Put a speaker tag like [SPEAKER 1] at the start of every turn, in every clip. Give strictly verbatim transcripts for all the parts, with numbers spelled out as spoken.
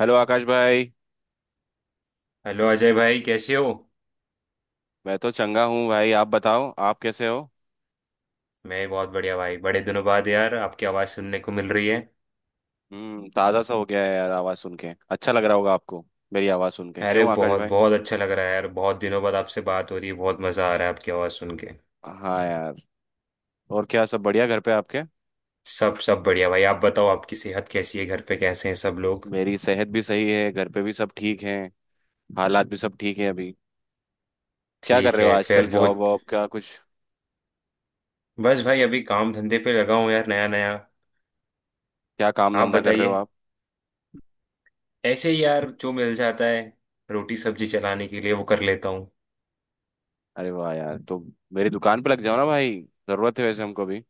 [SPEAKER 1] Hello Akash भाई।
[SPEAKER 2] Hello Ajay भाई कैसे हो।
[SPEAKER 1] मैं तो चंगा हूँ भाई, आप बताओ आप कैसे हो।
[SPEAKER 2] मैं बहुत बढ़िया भाई, बड़े दिनों बाद यार आपकी आवाज़ सुनने को मिल रही है।
[SPEAKER 1] हम्म ताज़ा सा हो गया है यार, आवाज़ सुन के अच्छा लग रहा होगा आपको। मेरी आवाज़ सुन के
[SPEAKER 2] अरे
[SPEAKER 1] क्यों आकाश
[SPEAKER 2] बहुत
[SPEAKER 1] भाई?
[SPEAKER 2] बहुत अच्छा लग रहा है यार, बहुत दिनों बाद आपसे बात हो रही है, बहुत मज़ा आ रहा है आपकी आवाज़ सुन के।
[SPEAKER 1] हाँ यार। और क्या सब बढ़िया घर पे आपके?
[SPEAKER 2] सब सब बढ़िया भाई, आप बताओ, आपकी सेहत कैसी है? घर पे कैसे हैं सब लोग?
[SPEAKER 1] मेरी सेहत भी सही है, घर पे भी सब ठीक है। हालात भी सब ठीक है अभी। क्या कर
[SPEAKER 2] ठीक
[SPEAKER 1] रहे हो
[SPEAKER 2] है
[SPEAKER 1] आजकल,
[SPEAKER 2] फिर
[SPEAKER 1] जॉब
[SPEAKER 2] बहुत।
[SPEAKER 1] वॉब का कुछ?
[SPEAKER 2] बस भाई, अभी काम धंधे पे लगा हूँ यार, नया नया।
[SPEAKER 1] क्या काम
[SPEAKER 2] आप
[SPEAKER 1] धंधा कर रहे हो
[SPEAKER 2] बताइए।
[SPEAKER 1] आप?
[SPEAKER 2] ऐसे ही यार, जो मिल जाता है रोटी सब्जी चलाने के लिए, वो कर लेता हूँ।
[SPEAKER 1] अरे वाह यार, तो मेरी दुकान पे लग जाओ ना भाई। ज़रूरत है वैसे हमको भी।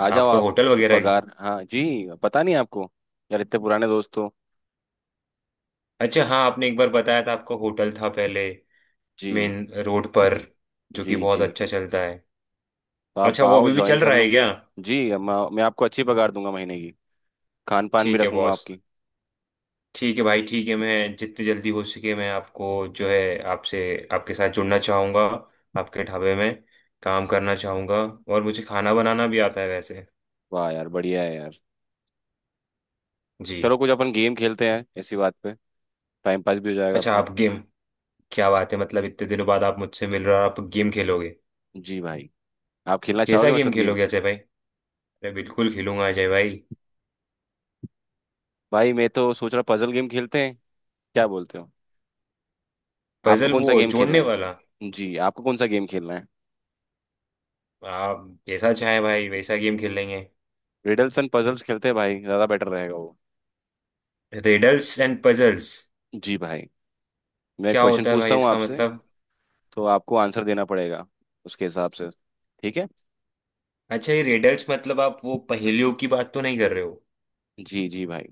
[SPEAKER 1] आ जाओ
[SPEAKER 2] आपका
[SPEAKER 1] आप।
[SPEAKER 2] होटल वगैरह है?
[SPEAKER 1] पगार हाँ जी। पता नहीं आपको, यार इतने पुराने दोस्त हो।
[SPEAKER 2] अच्छा हाँ, आपने एक बार बताया था, आपका होटल था पहले
[SPEAKER 1] जी
[SPEAKER 2] मेन रोड पर, जो कि
[SPEAKER 1] जी
[SPEAKER 2] बहुत
[SPEAKER 1] जी,
[SPEAKER 2] अच्छा चलता है।
[SPEAKER 1] तो आप
[SPEAKER 2] अच्छा, वो
[SPEAKER 1] आओ
[SPEAKER 2] अभी भी
[SPEAKER 1] ज्वाइन
[SPEAKER 2] चल
[SPEAKER 1] कर
[SPEAKER 2] रहा है
[SPEAKER 1] लो।
[SPEAKER 2] क्या?
[SPEAKER 1] जी, अब मैं मैं आपको अच्छी पगार दूंगा महीने की। खान पान भी
[SPEAKER 2] ठीक है
[SPEAKER 1] रखूंगा
[SPEAKER 2] बॉस।
[SPEAKER 1] आपकी।
[SPEAKER 2] ठीक है भाई, ठीक है, मैं जितनी जल्दी हो सके मैं आपको, जो है, आपसे, आपके साथ जुड़ना चाहूँगा, आपके ढाबे में काम करना चाहूँगा। और मुझे खाना बनाना भी आता है वैसे।
[SPEAKER 1] वाह यार, बढ़िया है यार।
[SPEAKER 2] जी।
[SPEAKER 1] चलो कुछ अपन गेम खेलते हैं इसी बात पे। टाइम पास भी हो जाएगा
[SPEAKER 2] अच्छा,
[SPEAKER 1] अपना।
[SPEAKER 2] आप गेम, क्या बात है, मतलब इतने दिनों बाद आप मुझसे मिल रहे हो और आप गेम खेलोगे?
[SPEAKER 1] जी भाई। आप खेलना चाहोगे
[SPEAKER 2] कैसा
[SPEAKER 1] मेरे साथ
[SPEAKER 2] गेम
[SPEAKER 1] गेम?
[SPEAKER 2] खेलोगे अजय भाई? अरे बिल्कुल खेलूंगा अजय भाई।
[SPEAKER 1] भाई मैं तो सोच रहा पजल गेम खेलते हैं, क्या बोलते हो? आपको
[SPEAKER 2] पजल,
[SPEAKER 1] कौन सा
[SPEAKER 2] वो
[SPEAKER 1] गेम खेलना
[SPEAKER 2] जोड़ने वाला?
[SPEAKER 1] है जी, आपको कौन सा गेम खेलना है?
[SPEAKER 2] आप जैसा चाहे भाई, वैसा गेम खेल लेंगे।
[SPEAKER 1] रिडल्स एंड पजल्स खेलते हैं भाई, ज़्यादा बेटर रहेगा वो।
[SPEAKER 2] Riddles and puzzles?
[SPEAKER 1] जी भाई। मैं
[SPEAKER 2] क्या
[SPEAKER 1] क्वेश्चन
[SPEAKER 2] होता है
[SPEAKER 1] पूछता
[SPEAKER 2] भाई
[SPEAKER 1] हूँ
[SPEAKER 2] इसका
[SPEAKER 1] आपसे,
[SPEAKER 2] मतलब?
[SPEAKER 1] तो आपको आंसर देना पड़ेगा उसके हिसाब से, ठीक है?
[SPEAKER 2] अच्छा, ये रेडल्स मतलब आप वो पहेलियों की बात तो नहीं कर रहे हो?
[SPEAKER 1] जी जी भाई।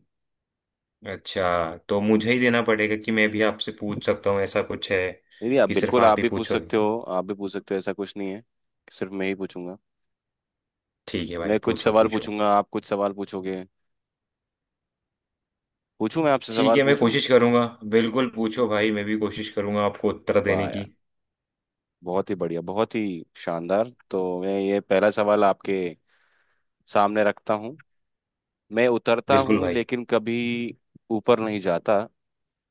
[SPEAKER 2] अच्छा, तो मुझे ही देना पड़ेगा कि मैं भी आपसे पूछ सकता हूँ, ऐसा कुछ है
[SPEAKER 1] नहीं नहीं, आप
[SPEAKER 2] कि सिर्फ
[SPEAKER 1] बिल्कुल
[SPEAKER 2] आप
[SPEAKER 1] आप
[SPEAKER 2] ही
[SPEAKER 1] भी पूछ
[SPEAKER 2] पूछोगे?
[SPEAKER 1] सकते हो आप भी पूछ सकते हो ऐसा कुछ नहीं है कि सिर्फ मैं ही पूछूंगा।
[SPEAKER 2] ठीक है भाई,
[SPEAKER 1] मैं कुछ
[SPEAKER 2] पूछो
[SPEAKER 1] सवाल
[SPEAKER 2] पूछो।
[SPEAKER 1] पूछूंगा, आप कुछ सवाल पूछोगे। पूछूं, मैं आपसे
[SPEAKER 2] ठीक
[SPEAKER 1] सवाल
[SPEAKER 2] है, मैं
[SPEAKER 1] पूछूं।
[SPEAKER 2] कोशिश करूंगा। बिल्कुल पूछो भाई, मैं भी कोशिश करूंगा आपको उत्तर
[SPEAKER 1] वाह
[SPEAKER 2] देने की।
[SPEAKER 1] यार, बहुत ही बढ़िया, बहुत ही शानदार। तो मैं ये पहला सवाल आपके सामने रखता हूँ। मैं उतरता
[SPEAKER 2] बिल्कुल
[SPEAKER 1] हूँ
[SPEAKER 2] भाई।
[SPEAKER 1] लेकिन कभी ऊपर नहीं जाता,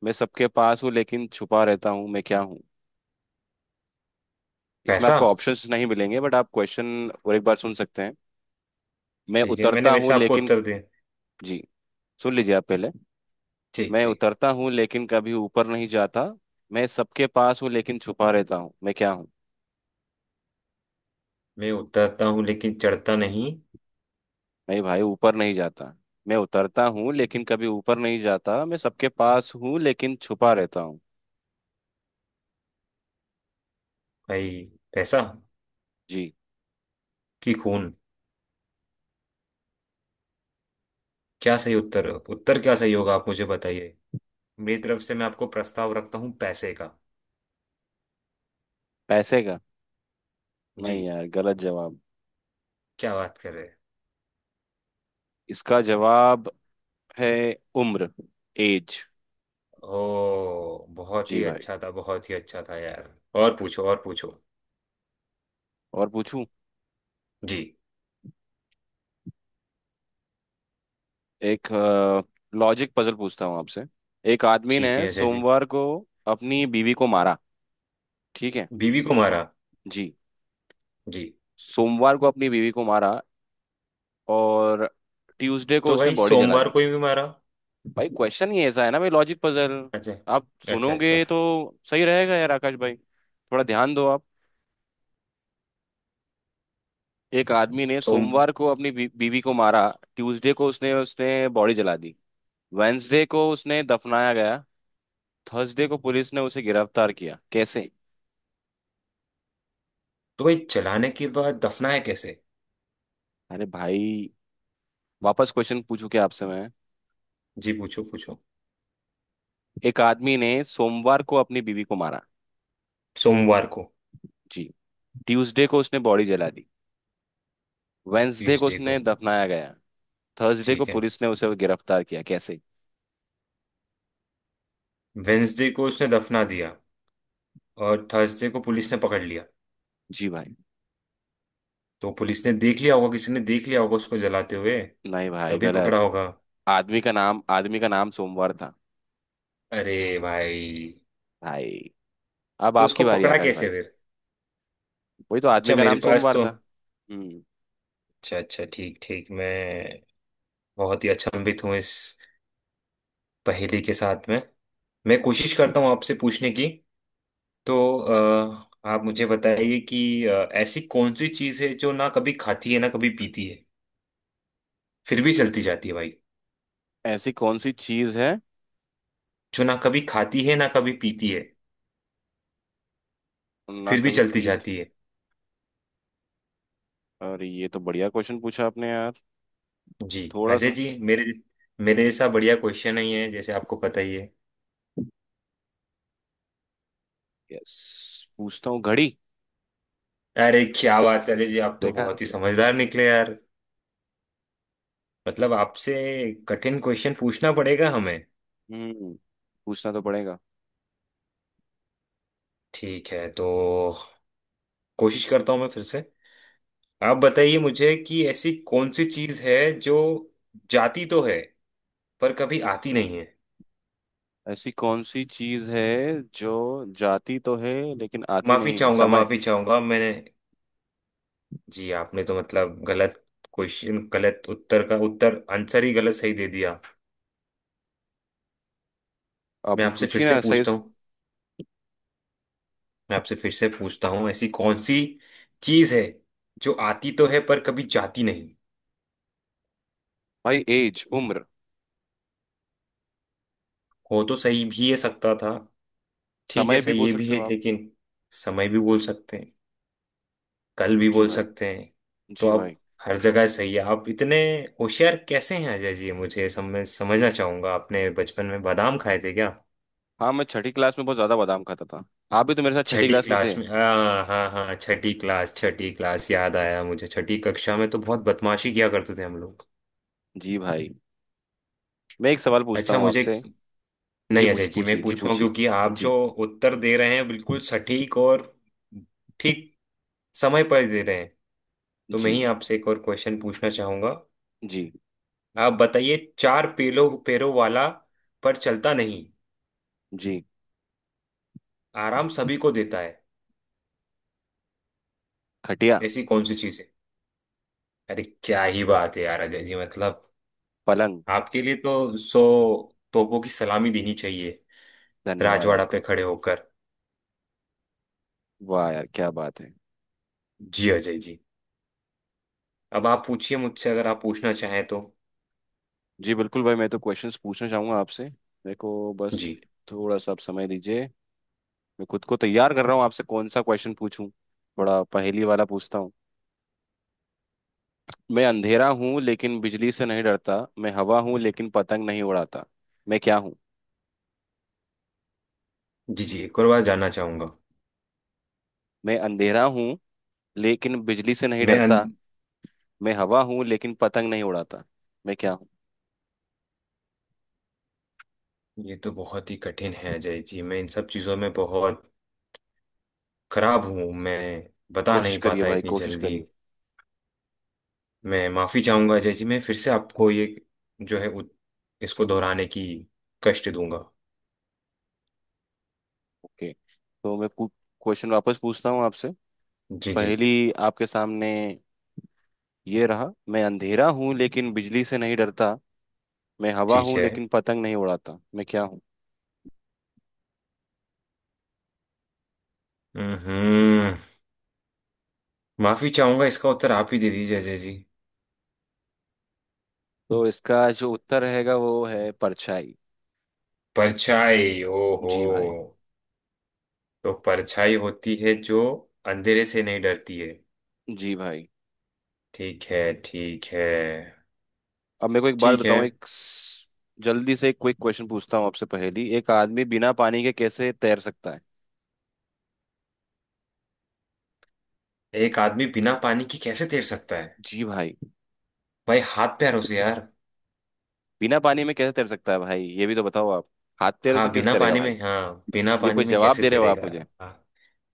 [SPEAKER 1] मैं सबके पास हूँ लेकिन छुपा रहता हूँ, मैं क्या हूँ? इसमें
[SPEAKER 2] पैसा।
[SPEAKER 1] आपको ऑप्शंस नहीं मिलेंगे बट आप क्वेश्चन और एक बार सुन सकते हैं। मैं
[SPEAKER 2] ठीक है, मैंने
[SPEAKER 1] उतरता हूँ
[SPEAKER 2] वैसे आपको
[SPEAKER 1] लेकिन।
[SPEAKER 2] उत्तर दिया।
[SPEAKER 1] जी, सुन लीजिए आप पहले।
[SPEAKER 2] ठीक
[SPEAKER 1] मैं
[SPEAKER 2] ठीक।
[SPEAKER 1] उतरता हूँ लेकिन कभी ऊपर नहीं जाता, मैं सबके पास हूँ लेकिन छुपा रहता हूँ, मैं क्या हूँ?
[SPEAKER 2] मैं उतरता हूँ लेकिन चढ़ता नहीं।
[SPEAKER 1] नहीं भाई, ऊपर नहीं जाता। मैं उतरता हूँ लेकिन कभी ऊपर नहीं जाता, मैं सबके पास हूँ लेकिन छुपा रहता हूँ।
[SPEAKER 2] भाई पैसा,
[SPEAKER 1] जी।
[SPEAKER 2] कि खून, क्या सही उत्तर उत्तर क्या सही होगा आप मुझे बताइए। मेरी तरफ से मैं आपको प्रस्ताव रखता हूँ पैसे का।
[SPEAKER 1] पैसे का?
[SPEAKER 2] जी।
[SPEAKER 1] नहीं यार, गलत जवाब।
[SPEAKER 2] क्या बात कर रहे हैं?
[SPEAKER 1] इसका जवाब है उम्र, एज।
[SPEAKER 2] ओ, बहुत
[SPEAKER 1] जी
[SPEAKER 2] ही
[SPEAKER 1] भाई।
[SPEAKER 2] अच्छा था, बहुत ही अच्छा था यार। और पूछो, और पूछो।
[SPEAKER 1] और पूछूं?
[SPEAKER 2] जी।
[SPEAKER 1] एक लॉजिक पजल पूछता हूँ आपसे। एक आदमी ने
[SPEAKER 2] ठीक है, ऐसे जी।
[SPEAKER 1] सोमवार को अपनी बीवी को मारा, ठीक है
[SPEAKER 2] बीवी को मारा।
[SPEAKER 1] जी?
[SPEAKER 2] जी।
[SPEAKER 1] सोमवार को अपनी बीवी को मारा, और ट्यूसडे को
[SPEAKER 2] तो
[SPEAKER 1] उसने
[SPEAKER 2] भाई
[SPEAKER 1] बॉडी जला
[SPEAKER 2] सोमवार
[SPEAKER 1] दी।
[SPEAKER 2] को ही भी मारा?
[SPEAKER 1] भाई क्वेश्चन ही ऐसा है ना भाई, लॉजिक पजल।
[SPEAKER 2] अच्छा
[SPEAKER 1] आप
[SPEAKER 2] अच्छा अच्छा।
[SPEAKER 1] सुनोगे तो सही रहेगा यार, आकाश भाई थोड़ा ध्यान दो आप। एक आदमी ने
[SPEAKER 2] सोम।
[SPEAKER 1] सोमवार को अपनी बी, बीवी को मारा, ट्यूसडे को उसने उसने बॉडी जला दी, वेंसडे को उसने दफनाया गया, थर्सडे को पुलिस ने उसे गिरफ्तार किया, कैसे?
[SPEAKER 2] तो भाई जलाने के बाद दफनाया कैसे?
[SPEAKER 1] अरे भाई, वापस क्वेश्चन पूछू क्या आपसे मैं?
[SPEAKER 2] जी, पूछो पूछो।
[SPEAKER 1] एक आदमी ने सोमवार को अपनी बीवी को मारा।
[SPEAKER 2] सोमवार को।
[SPEAKER 1] जी। ट्यूसडे को उसने बॉडी जला दी, वेंसडे को
[SPEAKER 2] ट्यूसडे को।
[SPEAKER 1] उसने दफनाया गया, थर्सडे को
[SPEAKER 2] ठीक है।
[SPEAKER 1] पुलिस ने उसे गिरफ्तार किया, कैसे?
[SPEAKER 2] वेंसडे को उसने दफना दिया और थर्सडे को पुलिस ने पकड़ लिया।
[SPEAKER 1] जी भाई।
[SPEAKER 2] तो पुलिस ने देख लिया होगा, किसी ने देख लिया होगा उसको जलाते हुए,
[SPEAKER 1] नहीं भाई,
[SPEAKER 2] तभी
[SPEAKER 1] गलत।
[SPEAKER 2] पकड़ा होगा।
[SPEAKER 1] आदमी का नाम आदमी का नाम सोमवार था।
[SPEAKER 2] अरे भाई,
[SPEAKER 1] भाई, अब
[SPEAKER 2] तो
[SPEAKER 1] आपकी
[SPEAKER 2] उसको
[SPEAKER 1] बारी
[SPEAKER 2] पकड़ा
[SPEAKER 1] आकाश
[SPEAKER 2] कैसे
[SPEAKER 1] भाई।
[SPEAKER 2] फिर?
[SPEAKER 1] वही तो, आदमी
[SPEAKER 2] अच्छा,
[SPEAKER 1] का
[SPEAKER 2] मेरे
[SPEAKER 1] नाम
[SPEAKER 2] पास
[SPEAKER 1] सोमवार
[SPEAKER 2] तो,
[SPEAKER 1] था। हम्म
[SPEAKER 2] अच्छा अच्छा ठीक ठीक, मैं बहुत ही अचंभित हूँ इस पहेली के साथ में। मैं कोशिश
[SPEAKER 1] जी।
[SPEAKER 2] करता हूँ आपसे पूछने की। तो अ, आप मुझे बताइए कि अ, ऐसी कौन सी चीज़ है जो ना कभी खाती है ना कभी पीती है, फिर भी चलती जाती है भाई?
[SPEAKER 1] ऐसी कौन सी चीज है,
[SPEAKER 2] जो ना कभी खाती है ना कभी पीती है,
[SPEAKER 1] ना
[SPEAKER 2] फिर भी
[SPEAKER 1] कभी
[SPEAKER 2] चलती
[SPEAKER 1] पीत।
[SPEAKER 2] जाती है।
[SPEAKER 1] अरे ये तो बढ़िया क्वेश्चन पूछा आपने यार,
[SPEAKER 2] जी
[SPEAKER 1] थोड़ा
[SPEAKER 2] अजय
[SPEAKER 1] सा।
[SPEAKER 2] जी, मेरे मेरे जैसा बढ़िया क्वेश्चन नहीं है, जैसे आपको पता ही है।
[SPEAKER 1] यस, पूछता हूँ घड़ी।
[SPEAKER 2] अरे क्या बात है अजय जी, आप तो
[SPEAKER 1] देखा।
[SPEAKER 2] बहुत ही समझदार निकले यार। मतलब आपसे कठिन क्वेश्चन पूछना पड़ेगा हमें।
[SPEAKER 1] हम्म पूछना तो पड़ेगा।
[SPEAKER 2] ठीक है, तो कोशिश करता हूँ मैं फिर से। आप बताइए मुझे कि ऐसी कौन सी चीज है जो जाती तो है, पर कभी आती नहीं है?
[SPEAKER 1] ऐसी कौन सी चीज है जो जाती तो है लेकिन आती
[SPEAKER 2] माफी
[SPEAKER 1] नहीं है,
[SPEAKER 2] चाहूंगा
[SPEAKER 1] समय?
[SPEAKER 2] माफी चाहूंगा मैंने, जी आपने तो मतलब गलत क्वेश्चन, गलत उत्तर का उत्तर, आंसर ही गलत सही दे दिया। मैं
[SPEAKER 1] अब
[SPEAKER 2] आपसे फिर
[SPEAKER 1] पूछिए
[SPEAKER 2] से
[SPEAKER 1] ना सही।
[SPEAKER 2] पूछता हूँ मैं आपसे फिर से पूछता हूँ, ऐसी कौन सी चीज है जो आती तो है, पर कभी जाती नहीं?
[SPEAKER 1] भाई एज, उम्र।
[SPEAKER 2] हो तो सही भी है सकता था। ठीक है,
[SPEAKER 1] समय भी
[SPEAKER 2] सही
[SPEAKER 1] बोल
[SPEAKER 2] ये भी
[SPEAKER 1] सकते
[SPEAKER 2] है
[SPEAKER 1] हो आप।
[SPEAKER 2] लेकिन, समय भी बोल सकते हैं, कल भी
[SPEAKER 1] जी
[SPEAKER 2] बोल
[SPEAKER 1] भाई।
[SPEAKER 2] सकते हैं। तो
[SPEAKER 1] जी
[SPEAKER 2] आप
[SPEAKER 1] भाई।
[SPEAKER 2] हर जगह सही है, आप इतने होशियार कैसे हैं अजय जी? मुझे समझ समझना चाहूंगा, आपने बचपन में बादाम खाए थे क्या?
[SPEAKER 1] हाँ, मैं छठी क्लास में बहुत ज्यादा बादाम खाता था। आप भी तो मेरे साथ छठी
[SPEAKER 2] छठी
[SPEAKER 1] क्लास में थे।
[SPEAKER 2] क्लास में, हाँ हाँ हाँ, छठी क्लास, छठी क्लास याद आया मुझे। छठी कक्षा में तो बहुत बदमाशी किया करते थे हम लोग।
[SPEAKER 1] जी भाई। मैं एक सवाल पूछता
[SPEAKER 2] अच्छा
[SPEAKER 1] हूँ
[SPEAKER 2] मुझे,
[SPEAKER 1] आपसे। जी,
[SPEAKER 2] नहीं
[SPEAKER 1] पूछ
[SPEAKER 2] अजय जी मैं
[SPEAKER 1] पूछिए जी,
[SPEAKER 2] पूछूं,
[SPEAKER 1] पूछिए।
[SPEAKER 2] क्योंकि आप जो
[SPEAKER 1] जी
[SPEAKER 2] उत्तर दे रहे हैं बिल्कुल सटीक और ठीक समय पर दे रहे हैं, तो मैं ही
[SPEAKER 1] जी
[SPEAKER 2] आपसे एक और क्वेश्चन पूछना चाहूंगा।
[SPEAKER 1] जी
[SPEAKER 2] आप बताइए, चार पेलो पैरों वाला, पर चलता नहीं,
[SPEAKER 1] जी।
[SPEAKER 2] आराम सभी को देता है,
[SPEAKER 1] खटिया।
[SPEAKER 2] ऐसी कौन सी चीज है? अरे क्या ही बात है यार अजय जी, मतलब
[SPEAKER 1] पलंग।
[SPEAKER 2] आपके लिए तो सौ तोपों की सलामी देनी चाहिए,
[SPEAKER 1] धन्यवाद
[SPEAKER 2] राजवाड़ा पे
[SPEAKER 1] आपका।
[SPEAKER 2] खड़े होकर।
[SPEAKER 1] वाह यार क्या बात है।
[SPEAKER 2] जी अजय जी, अब आप पूछिए मुझसे, अगर आप पूछना चाहें तो।
[SPEAKER 1] जी बिल्कुल भाई, मैं तो क्वेश्चंस पूछना चाहूंगा आपसे। मेरे को बस
[SPEAKER 2] जी
[SPEAKER 1] थोड़ा सा आप समय दीजिए। मैं खुद को तैयार कर रहा हूँ आपसे कौन सा क्वेश्चन पूछूं, थोड़ा पहेली वाला पूछता हूँ। मैं अंधेरा हूँ लेकिन बिजली से नहीं डरता, मैं हवा हूँ लेकिन पतंग नहीं उड़ाता, मैं क्या हूँ?
[SPEAKER 2] जी। जी, एक और बार जानना चाहूंगा।
[SPEAKER 1] मैं अंधेरा हूँ लेकिन बिजली से नहीं
[SPEAKER 2] मैं
[SPEAKER 1] डरता,
[SPEAKER 2] अन...
[SPEAKER 1] मैं हवा हूँ लेकिन पतंग नहीं उड़ाता, मैं क्या हूँ?
[SPEAKER 2] ये तो बहुत ही कठिन है अजय जी, मैं इन सब चीज़ों में बहुत खराब हूँ, मैं बता
[SPEAKER 1] कोशिश
[SPEAKER 2] नहीं
[SPEAKER 1] करिए
[SPEAKER 2] पाता
[SPEAKER 1] भाई,
[SPEAKER 2] इतनी
[SPEAKER 1] कोशिश
[SPEAKER 2] जल्दी।
[SPEAKER 1] करिए।
[SPEAKER 2] मैं माफ़ी चाहूंगा अजय जी, मैं फिर से आपको ये, जो है उत- इसको दोहराने की कष्ट दूंगा।
[SPEAKER 1] ओके, तो मैं क्वेश्चन वापस पूछता हूँ आपसे, तो
[SPEAKER 2] जी जी,
[SPEAKER 1] पहली आपके सामने ये रहा। मैं अंधेरा हूँ लेकिन बिजली से नहीं डरता, मैं हवा
[SPEAKER 2] ठीक
[SPEAKER 1] हूँ
[SPEAKER 2] है।
[SPEAKER 1] लेकिन पतंग नहीं उड़ाता, मैं क्या हूँ?
[SPEAKER 2] हम्म। माफ़ी चाहूंगा, इसका उत्तर आप ही दे दीजिए अजय जी।
[SPEAKER 1] तो इसका जो उत्तर रहेगा वो है परछाई।
[SPEAKER 2] परछाई, ओहो।
[SPEAKER 1] जी भाई।
[SPEAKER 2] तो परछाई होती है जो अंधेरे से नहीं डरती है।
[SPEAKER 1] जी भाई।
[SPEAKER 2] ठीक है ठीक है।
[SPEAKER 1] अब मेरे को एक बात
[SPEAKER 2] ठीक है।
[SPEAKER 1] बताओ, एक स- जल्दी से एक क्विक क्वेश्चन पूछता हूँ आपसे पहेली। एक आदमी बिना पानी के कैसे तैर सकता है?
[SPEAKER 2] एक आदमी बिना पानी की कैसे तैर सकता है?
[SPEAKER 1] जी भाई।
[SPEAKER 2] भाई हाथ पैर उसे यार।
[SPEAKER 1] बिना पानी में कैसे तैर सकता है भाई, ये भी तो बताओ आप। हाथ तैरों से
[SPEAKER 2] हाँ,
[SPEAKER 1] कैसे
[SPEAKER 2] बिना
[SPEAKER 1] तैरेगा
[SPEAKER 2] पानी में,
[SPEAKER 1] भाई?
[SPEAKER 2] हाँ बिना
[SPEAKER 1] ये
[SPEAKER 2] पानी
[SPEAKER 1] कोई
[SPEAKER 2] में
[SPEAKER 1] जवाब
[SPEAKER 2] कैसे
[SPEAKER 1] दे रहे हो
[SPEAKER 2] तैरेगा?
[SPEAKER 1] आप मुझे?
[SPEAKER 2] हाँ।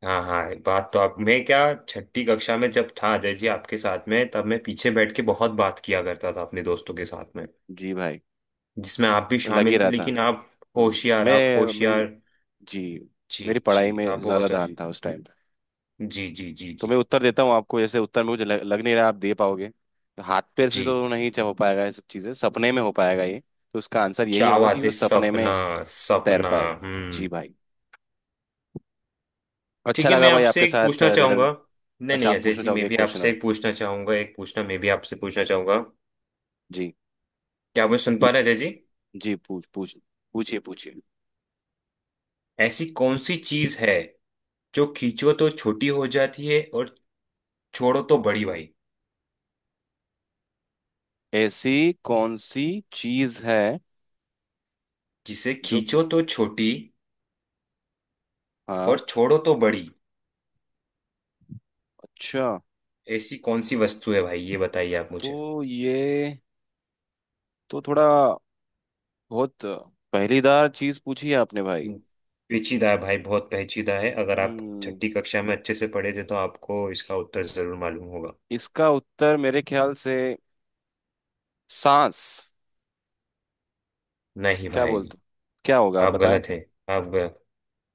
[SPEAKER 2] हाँ हाँ, बात तो आप, मैं क्या, छठी कक्षा में जब था अजय जी आपके साथ में, तब मैं पीछे बैठ के बहुत बात किया करता था अपने दोस्तों के साथ में,
[SPEAKER 1] जी भाई।
[SPEAKER 2] जिसमें आप भी
[SPEAKER 1] लग ही
[SPEAKER 2] शामिल थे,
[SPEAKER 1] रहा था।
[SPEAKER 2] लेकिन आप
[SPEAKER 1] हम्म
[SPEAKER 2] होशियार, आप
[SPEAKER 1] मैं,
[SPEAKER 2] होशियार।
[SPEAKER 1] मेरी। जी,
[SPEAKER 2] जी
[SPEAKER 1] मेरी
[SPEAKER 2] जी,
[SPEAKER 1] पढ़ाई में
[SPEAKER 2] आप
[SPEAKER 1] ज्यादा
[SPEAKER 2] बहुत
[SPEAKER 1] ध्यान
[SPEAKER 2] होशि-
[SPEAKER 1] था उस टाइम पे।
[SPEAKER 2] जी जी जी
[SPEAKER 1] तो
[SPEAKER 2] जी।
[SPEAKER 1] मैं उत्तर देता हूँ आपको, जैसे उत्तर में मुझे लग, लग नहीं रहा आप दे पाओगे, तो हाथ पैर से
[SPEAKER 2] जी,
[SPEAKER 1] तो नहीं च- हो पाएगा, ये सब चीजें सपने में हो पाएगा ये। तो उसका आंसर यही
[SPEAKER 2] क्या
[SPEAKER 1] होगा कि
[SPEAKER 2] बात है,
[SPEAKER 1] वो सपने में
[SPEAKER 2] सपना,
[SPEAKER 1] तैर
[SPEAKER 2] सपना।
[SPEAKER 1] पाएगा। जी
[SPEAKER 2] हम्म।
[SPEAKER 1] भाई। अच्छा
[SPEAKER 2] ठीक है,
[SPEAKER 1] लगा
[SPEAKER 2] मैं
[SPEAKER 1] भाई
[SPEAKER 2] आपसे
[SPEAKER 1] आपके
[SPEAKER 2] एक
[SPEAKER 1] साथ
[SPEAKER 2] पूछना चाहूंगा।
[SPEAKER 1] रिडल।
[SPEAKER 2] नहीं
[SPEAKER 1] अच्छा,
[SPEAKER 2] नहीं
[SPEAKER 1] आप
[SPEAKER 2] अजय
[SPEAKER 1] पूछना
[SPEAKER 2] जी,
[SPEAKER 1] चाहोगे
[SPEAKER 2] मैं
[SPEAKER 1] एक
[SPEAKER 2] भी
[SPEAKER 1] क्वेश्चन
[SPEAKER 2] आपसे
[SPEAKER 1] और?
[SPEAKER 2] एक पूछना चाहूंगा, एक पूछना मैं भी आपसे पूछना चाहूंगा।
[SPEAKER 1] जी
[SPEAKER 2] क्या मैं सुन पा रहे हैं, अजय जी?
[SPEAKER 1] जी, पूछ पूछ पूछिए, पूछिए।
[SPEAKER 2] ऐसी कौन सी चीज है जो खींचो तो छोटी हो जाती है, और छोड़ो तो बड़ी भाई?
[SPEAKER 1] ऐसी कौन सी चीज है
[SPEAKER 2] जिसे
[SPEAKER 1] जो।
[SPEAKER 2] खींचो तो छोटी,
[SPEAKER 1] हाँ।
[SPEAKER 2] और छोड़ो तो बड़ी,
[SPEAKER 1] अच्छा,
[SPEAKER 2] ऐसी कौन सी वस्तु है भाई? ये बताइए आप
[SPEAKER 1] तो
[SPEAKER 2] मुझे।
[SPEAKER 1] ये तो थोड़ा बहुत पहेलीदार चीज पूछी है आपने भाई।
[SPEAKER 2] हम्म, पेचीदा है भाई, बहुत पेचीदा है। अगर आप
[SPEAKER 1] हम्म
[SPEAKER 2] छठी कक्षा में अच्छे से पढ़े थे तो आपको इसका उत्तर जरूर मालूम होगा।
[SPEAKER 1] इसका उत्तर मेरे ख्याल से सांस।
[SPEAKER 2] नहीं
[SPEAKER 1] क्या
[SPEAKER 2] भाई,
[SPEAKER 1] बोलते हो? क्या होगा, आप
[SPEAKER 2] आप
[SPEAKER 1] बताएं?
[SPEAKER 2] गलत हैं। आप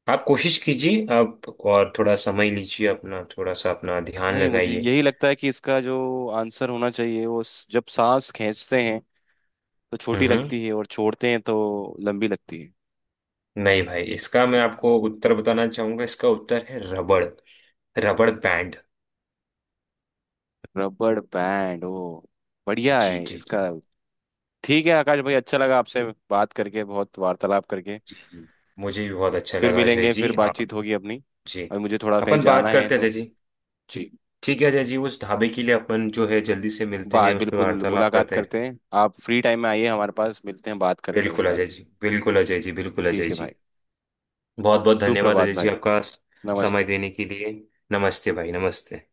[SPEAKER 2] आप कोशिश कीजिए, आप और थोड़ा समय लीजिए अपना, थोड़ा सा अपना ध्यान
[SPEAKER 1] नहीं, मुझे
[SPEAKER 2] लगाइए।
[SPEAKER 1] यही लगता है कि इसका जो आंसर होना चाहिए, वो स- जब सांस खींचते हैं तो छोटी
[SPEAKER 2] हम्म।
[SPEAKER 1] लगती है और छोड़ते हैं तो लंबी लगती है।
[SPEAKER 2] नहीं भाई, इसका मैं आपको उत्तर बताना चाहूंगा, इसका उत्तर है रबड़, रबड़ बैंड।
[SPEAKER 1] रबड़ बैंड ओ, बढ़िया
[SPEAKER 2] जी
[SPEAKER 1] है
[SPEAKER 2] जी जी
[SPEAKER 1] इसका। ठीक है आकाश भाई, अच्छा लगा आपसे बात करके, बहुत वार्तालाप करके।
[SPEAKER 2] जी। जी, मुझे भी बहुत अच्छा
[SPEAKER 1] फिर
[SPEAKER 2] लगा अजय
[SPEAKER 1] मिलेंगे, फिर
[SPEAKER 2] जी आप।
[SPEAKER 1] बातचीत होगी अपनी।
[SPEAKER 2] जी,
[SPEAKER 1] और मुझे थोड़ा कहीं
[SPEAKER 2] अपन
[SPEAKER 1] जाना
[SPEAKER 2] बात
[SPEAKER 1] है
[SPEAKER 2] करते हैं
[SPEAKER 1] तो
[SPEAKER 2] अजय जी।
[SPEAKER 1] जी,
[SPEAKER 2] ठीक है अजय जी, उस ढाबे के लिए अपन जो है जल्दी से मिलते हैं,
[SPEAKER 1] बात
[SPEAKER 2] उस पर
[SPEAKER 1] बिल्कुल,
[SPEAKER 2] वार्तालाप
[SPEAKER 1] मुलाकात
[SPEAKER 2] करते हैं।
[SPEAKER 1] करते हैं। आप फ्री टाइम में आइए हमारे पास, मिलते हैं, बात करते हैं उस
[SPEAKER 2] बिल्कुल
[SPEAKER 1] बारे
[SPEAKER 2] अजय
[SPEAKER 1] में।
[SPEAKER 2] जी, बिल्कुल अजय जी, बिल्कुल
[SPEAKER 1] ठीक
[SPEAKER 2] अजय
[SPEAKER 1] है भाई।
[SPEAKER 2] जी। बहुत बहुत धन्यवाद
[SPEAKER 1] सुप्रभात
[SPEAKER 2] अजय जी
[SPEAKER 1] भाई।
[SPEAKER 2] आपका, समय
[SPEAKER 1] नमस्ते।
[SPEAKER 2] देने के लिए। नमस्ते भाई, नमस्ते।